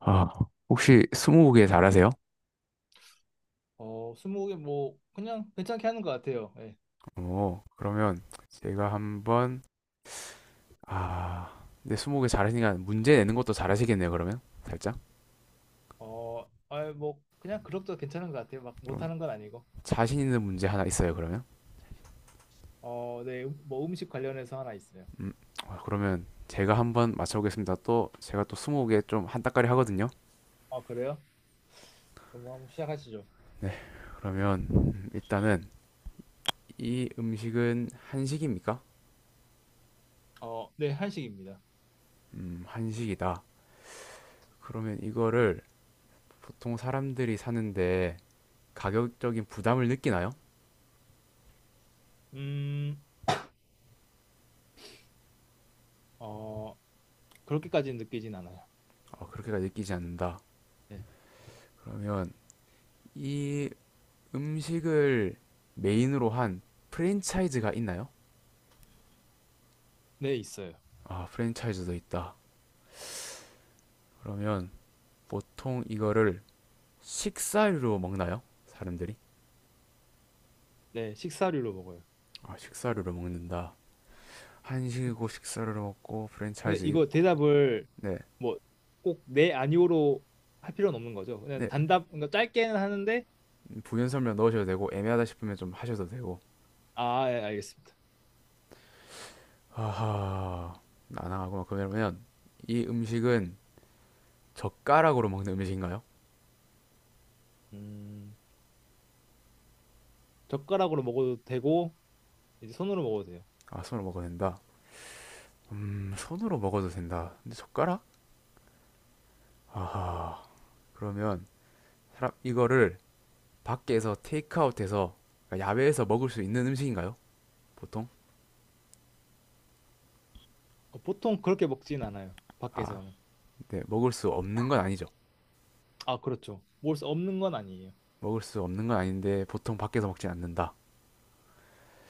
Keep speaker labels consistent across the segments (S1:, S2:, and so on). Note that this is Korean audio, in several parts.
S1: 아, 혹시 스무고개 잘하세요?
S2: 스무고개 뭐 그냥 괜찮게 하는 것 같아요. 예.
S1: 어, 그러면 제가 한번 아, 근데 스무고개 잘하시니까 문제 내는 것도 잘하시겠네요. 그러면 살짝
S2: 어, 뭐 그냥 그럭저럭 괜찮은 것 같아요. 막
S1: 좀
S2: 못하는 건 아니고.
S1: 자신 있는 문제 하나 있어요. 그러면
S2: 어, 네, 뭐 음식 관련해서 하나 있어요.
S1: 아, 그러면 제가 한번 맞춰보겠습니다. 또 제가 또 스무고개 좀 한따까리 하거든요.
S2: 아, 그래요? 그럼 뭐 한번 시작하시죠.
S1: 그러면 일단은 이 음식은 한식입니까?
S2: 어, 네, 한식입니다.
S1: 한식이다. 그러면 이거를 보통 사람들이 사는데 가격적인 부담을 느끼나요?
S2: 음, 어, 그렇게까지는 느끼진 않아요.
S1: 어, 그렇게까지 느끼지 않는다.
S2: 네,
S1: 그러면 이 음식을 메인으로 한 프랜차이즈가 있나요?
S2: 네, 있어요.
S1: 아, 프랜차이즈도 있다. 그러면 보통 이거를 식사류로 먹나요? 사람들이?
S2: 네, 식사류로 먹어요.
S1: 아, 식사류로 먹는다. 한식이고 식사류로 먹고
S2: 근데
S1: 프랜차이즈
S2: 이거
S1: 있고.
S2: 대답을
S1: 네,
S2: 뭐 꼭 네, 아니오로 할 필요는 없는 거죠. 그냥
S1: 네.
S2: 단답, 그러니까 짧게는 하는데,
S1: 부연 설명 넣으셔도 되고 애매하다 싶으면 좀 하셔도 되고.
S2: 아, 예, 알겠습니다.
S1: 하하, 난항하구만. 그러면 이 음식은 젓가락으로 먹는 음식인가요?
S2: 음. 젓가락으로 먹어도 되고 이제 손으로 먹어도 돼요.
S1: 아, 손으로 먹어도 된다. 손으로 먹어도 된다. 근데 젓가락? 아하. 그러면 사람 이거를 밖에서 테이크아웃해서 그러니까 야외에서 먹을 수 있는 음식인가요? 보통?
S2: 어, 보통 그렇게 먹진 않아요.
S1: 아,
S2: 밖에서는.
S1: 네, 먹을 수 없는 건 아니죠.
S2: 아, 그렇죠. 먹을 수 없는 건 아니에요.
S1: 먹을 수 없는 건 아닌데 보통 밖에서 먹진 않는다.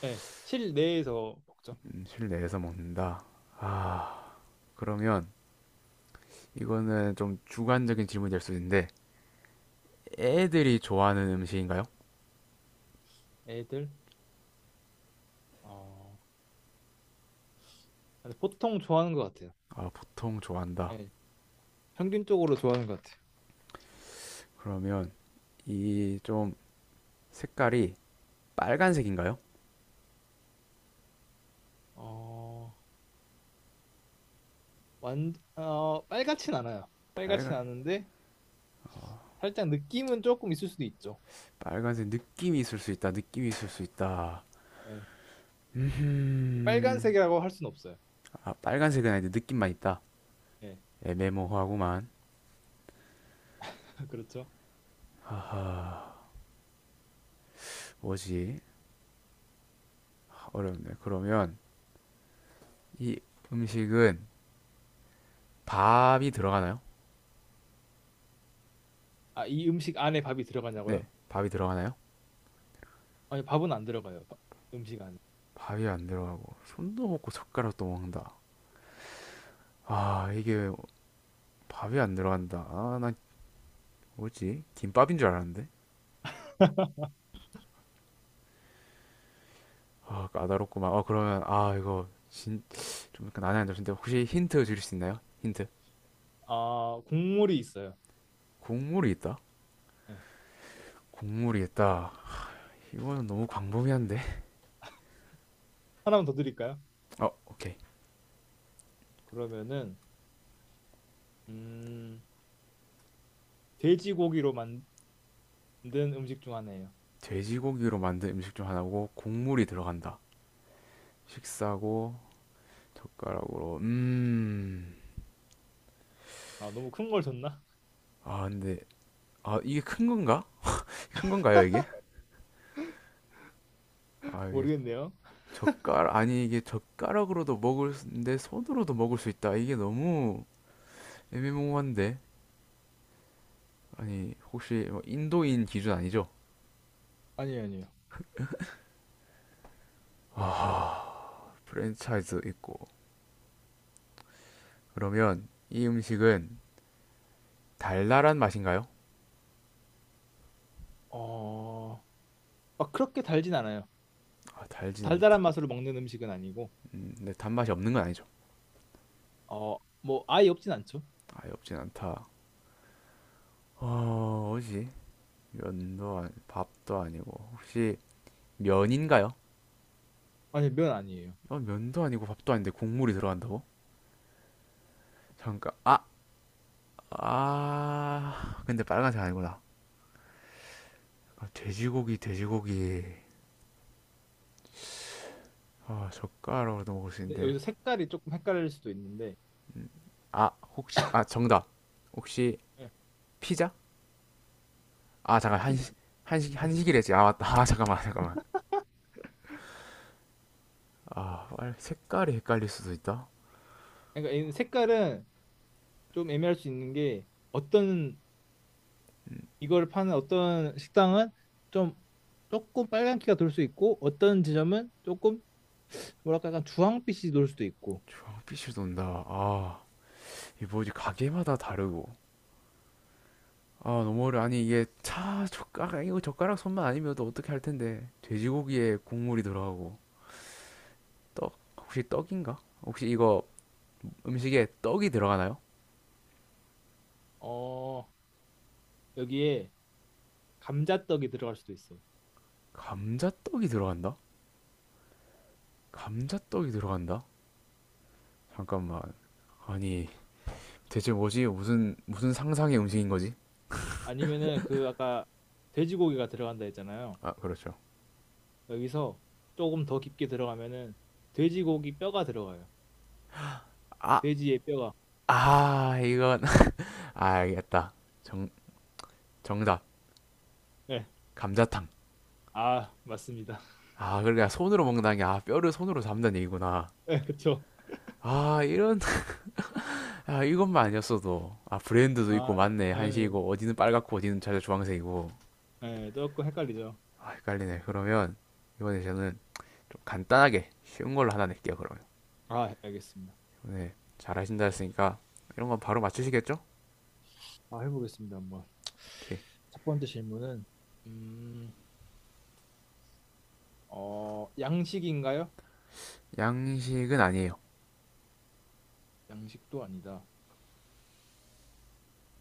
S2: 네, 실내에서 먹죠.
S1: 실내에서 먹는다. 아, 그러면 이거는 좀 주관적인 질문이 될 수 있는데 애들이 좋아하는 음식인가요?
S2: 애들. 어, 근데 보통 좋아하는 것 같아요.
S1: 아, 보통 좋아한다.
S2: 네, 평균적으로 좋아하는 것 같아요.
S1: 그러면 이 좀 색깔이 빨간색인가요?
S2: 어, 빨갛진 않아요. 빨갛진
S1: 빨간
S2: 않은데 살짝 느낌은 조금 있을 수도 있죠.
S1: 빨간색 느낌이 있을 수 있다. 느낌이 있을 수 있다.
S2: 네,
S1: 음,
S2: 빨간색이라고 할 수는 없어요.
S1: 아, 빨간색은 아닌데 느낌만 있다.
S2: 예,
S1: 애매모호하구만.
S2: 그렇죠.
S1: 뭐지? 아, 어렵네. 그러면 이 음식은 밥이 들어가나요?
S2: 아, 이 음식 안에 밥이
S1: 네,
S2: 들어가냐고요?
S1: 밥이 들어가나요?
S2: 아니, 밥은 안 들어가요. 음식 안에.
S1: 밥이 안 들어가고 손도 먹고 젓가락도 먹는다. 아, 이게 밥이 안 들어간다. 아, 난 뭐지? 김밥인 줄 알았는데. 아, 까다롭구만. 아, 그러면 아, 이거 진, 좀 약간 난해한 점인데 혹시 힌트 주실 수 있나요? 힌트.
S2: 아, 국물이 있어요.
S1: 국물이 있다.
S2: 네.
S1: 국물이 있다. 이거는 너무 광범위한데.
S2: 하나만 더 드릴까요?
S1: 어, 오케이.
S2: 그러면은 음, 돼지고기로 만든 음식 중 하나예요.
S1: 돼지고기로 만든 음식 중 하나고 국물이 들어간다. 식사고 젓가락으로
S2: 아, 너무 큰 걸 줬나?
S1: 아 근데 아 이게 큰 건가? 큰 건가요 이게? 아 이게
S2: 모르겠네요.
S1: 젓가락 아니 이게 젓가락으로도 먹을 수- 내 손으로도 먹을 수 있다. 이게 너무 애매모호한데 아니 혹시 뭐 인도인 기준 아니죠?
S2: 아니에요, 아니에요.
S1: 프랜차이즈 있고 그러면 이 음식은 달달한 맛인가요?
S2: 어, 막 그렇게 달진 않아요.
S1: 아 달진 않다.
S2: 달달한 맛으로 먹는 음식은 아니고,
S1: 근데 단맛이 없는 건 아니죠.
S2: 어, 뭐 아예 없진 않죠.
S1: 아예 없진 않다. 어, 뭐지? 면도 아니, 밥도 아니고 혹시 면인가요?
S2: 아니, 면 아니에요.
S1: 어, 면도 아니고 밥도 아닌데 국물이 들어간다고? 잠깐 아, 아 근데 빨간색 아니구나 아, 돼지고기 아 젓가락으로도 먹을 수
S2: 근데
S1: 있는데
S2: 여기서 색깔이 조금 헷갈릴 수도 있는데,
S1: 아 혹시 아 정답 혹시
S2: 네.
S1: 피자? 아
S2: 아,
S1: 잠깐
S2: 피자
S1: 한식 한식
S2: 한식.
S1: 한식이랬지 아 맞다 아 잠깐만 잠깐만 아 빨- 색깔이 헷갈릴 수도 있다
S2: 그러니까 이 색깔은 좀 애매할 수 있는 게 어떤 이걸 파는 어떤 식당은 좀 조금 빨간기가 돌 수 있고 어떤 지점은 조금 뭐랄까 약간 주황빛이 돌 수도 있고
S1: 주빛이 돈다 아 이 뭐지 가게마다 다르고 아, 너무 어려. 아니, 이게 차 젓가락, 이거 젓가락 손만 아니면 또 어떻게 할 텐데. 돼지고기에 국물이 들어가고, 떡, 혹시 떡인가? 혹시 이거 음식에 떡이 들어가나요?
S2: 어 여기에 감자떡이 들어갈 수도 있어요.
S1: 감자떡이 들어간다? 감자떡이 들어간다? 잠깐만. 아니, 대체 뭐지? 무슨, 무슨 상상의 음식인 거지?
S2: 아니면은 그 아까 돼지고기가 들어간다 했잖아요.
S1: 아, 그렇죠.
S2: 여기서 조금 더 깊게 들어가면은 돼지고기 뼈가 들어가요. 돼지의 뼈가.
S1: 아, 이건, 아, 알겠다. 정, 정답.
S2: 네.
S1: 감자탕.
S2: 아, 맞습니다.
S1: 아, 그러니까 손으로 먹는다는 게, 아, 뼈를 손으로 잡는 얘기구나.
S2: 네, 그쵸.
S1: 아, 이런, 아, 이것만 아니었어도, 아, 브랜드도
S2: 아,
S1: 있고, 맞네.
S2: 네,
S1: 한식이고, 어디는 빨갛고, 어디는 자주 주황색이고.
S2: 네, 조금 헷갈리죠.
S1: 아, 헷갈리네. 그러면, 이번에 저는 좀 간단하게, 쉬운 걸로 하나 낼게요, 그러면.
S2: 아, 알겠습니다.
S1: 네, 잘하신다 했으니까, 이런 건 바로 맞추시겠죠?
S2: 아, 해보겠습니다. 한번.
S1: 오케이.
S2: 첫 번째 질문은 음, 어, 양식인가요?
S1: 양식은 아니에요.
S2: 양식도 아니다.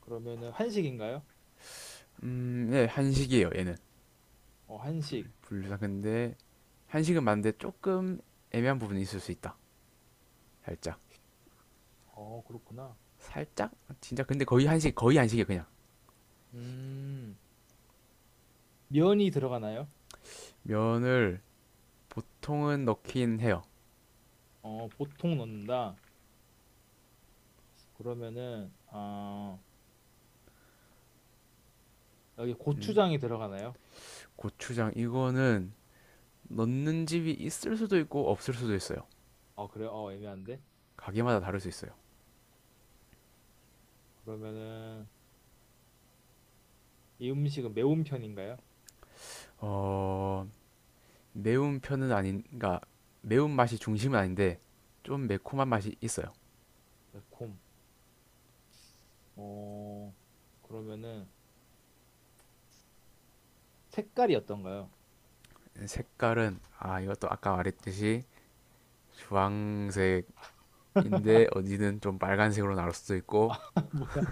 S2: 그러면은 한식인가요?
S1: 네, 한식이에요, 얘는.
S2: 어, 한식.
S1: 분류상 근데, 한식은 맞는데, 조금 애매한 부분이 있을 수 있다. 살짝.
S2: 어, 그렇구나.
S1: 살짝? 진짜, 근데 거의 한식, 거의 한식이에요, 그냥.
S2: 음, 면이 들어가나요?
S1: 면을 보통은 넣긴 해요.
S2: 어, 보통 넣는다. 그러면은 어, 여기
S1: 음,
S2: 고추장이 들어가나요?
S1: 고추장 이거는 넣는 집이 있을 수도 있고 없을 수도 있어요.
S2: 어, 그래요? 어, 애매한데.
S1: 가게마다 다를 수 있어요.
S2: 그러면은 이 음식은 매운 편인가요?
S1: 어, 매운 편은 아닌, 그러니까 매운 맛이 중심은 아닌데 좀 매콤한 맛이 있어요.
S2: 매콤. 어, 그러면은 색깔이 어떤가요?
S1: 색깔은 아 이것도 아까 말했듯이 주황색인데 어디는 좀 빨간색으로 나올 수도 있고
S2: 뭐야?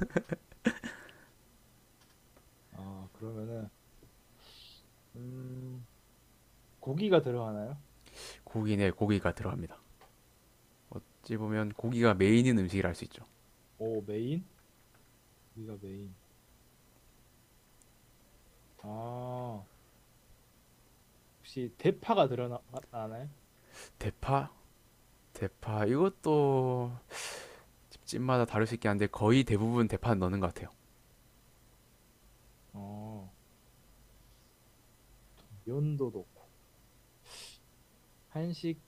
S2: 어, 그러면은 음, 고기가 들어가나요?
S1: 고기네 고기가 들어갑니다. 어찌 보면 고기가 메인인 음식이라 할 수 있죠.
S2: 오, 메인? 고기가 메인. 아, 혹시 대파가 들어가나요?
S1: 대파, 대파 이것도 집집마다 다를 수 있긴 한데 거의 대부분 대파 넣는 것 같아요.
S2: 어, 면도 넣고. 한식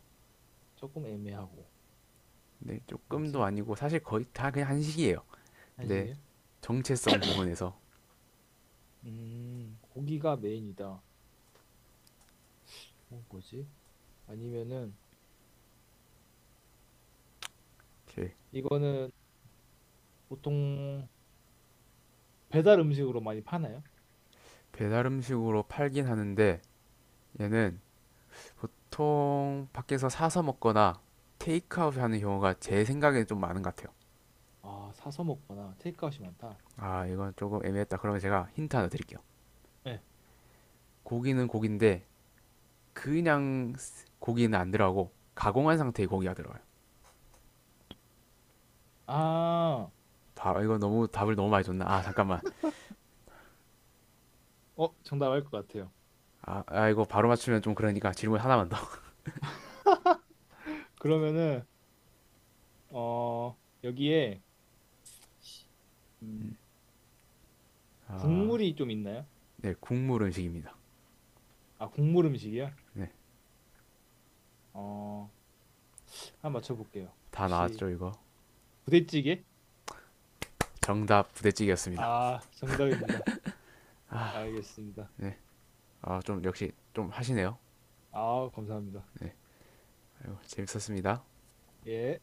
S2: 조금 애매하고.
S1: 네, 조금도
S2: 뭐지?
S1: 아니고 사실 거의 다 그냥 한식이에요. 근데
S2: 한식이요?
S1: 정체성 부분에서
S2: 고기가 메인이다. 어, 뭐지? 아니면은
S1: 이렇게
S2: 이거는 보통 배달 음식으로 많이 파나요?
S1: 배달 음식으로 팔긴 하는데 얘는 보통 밖에서 사서 먹거나 테이크아웃 하는 경우가 제 생각에는 좀 많은 것 같아요.
S2: 아, 사서 먹거나 테이크아웃이 많다.
S1: 아, 이건 조금 애매했다. 그러면 제가 힌트 하나 드릴게요.
S2: 네.
S1: 고기는 고기인데 그냥 고기는 안 들어가고 가공한 상태의 고기가 들어가요.
S2: 아,
S1: 다 아, 이거 너무 답을 너무 많이 줬나? 아, 잠깐만.
S2: 정답 알 것 같아요.
S1: 아, 아, 이거 바로 맞추면 좀 그러니까 질문 하나만 더.
S2: 그러면은 어, 여기에 음, 국물이 좀 있나요?
S1: 네, 국물 음식입니다.
S2: 아, 국물 음식이요?
S1: 네.
S2: 어, 한번 맞춰볼게요.
S1: 다
S2: 혹시
S1: 나왔죠 이거
S2: 부대찌개?
S1: 정답 부대찌개였습니다
S2: 아, 정답입니다. 알겠습니다.
S1: 아 좀 역시 좀 하시네요
S2: 아, 감사합니다.
S1: 아이고, 재밌었습니다
S2: 예.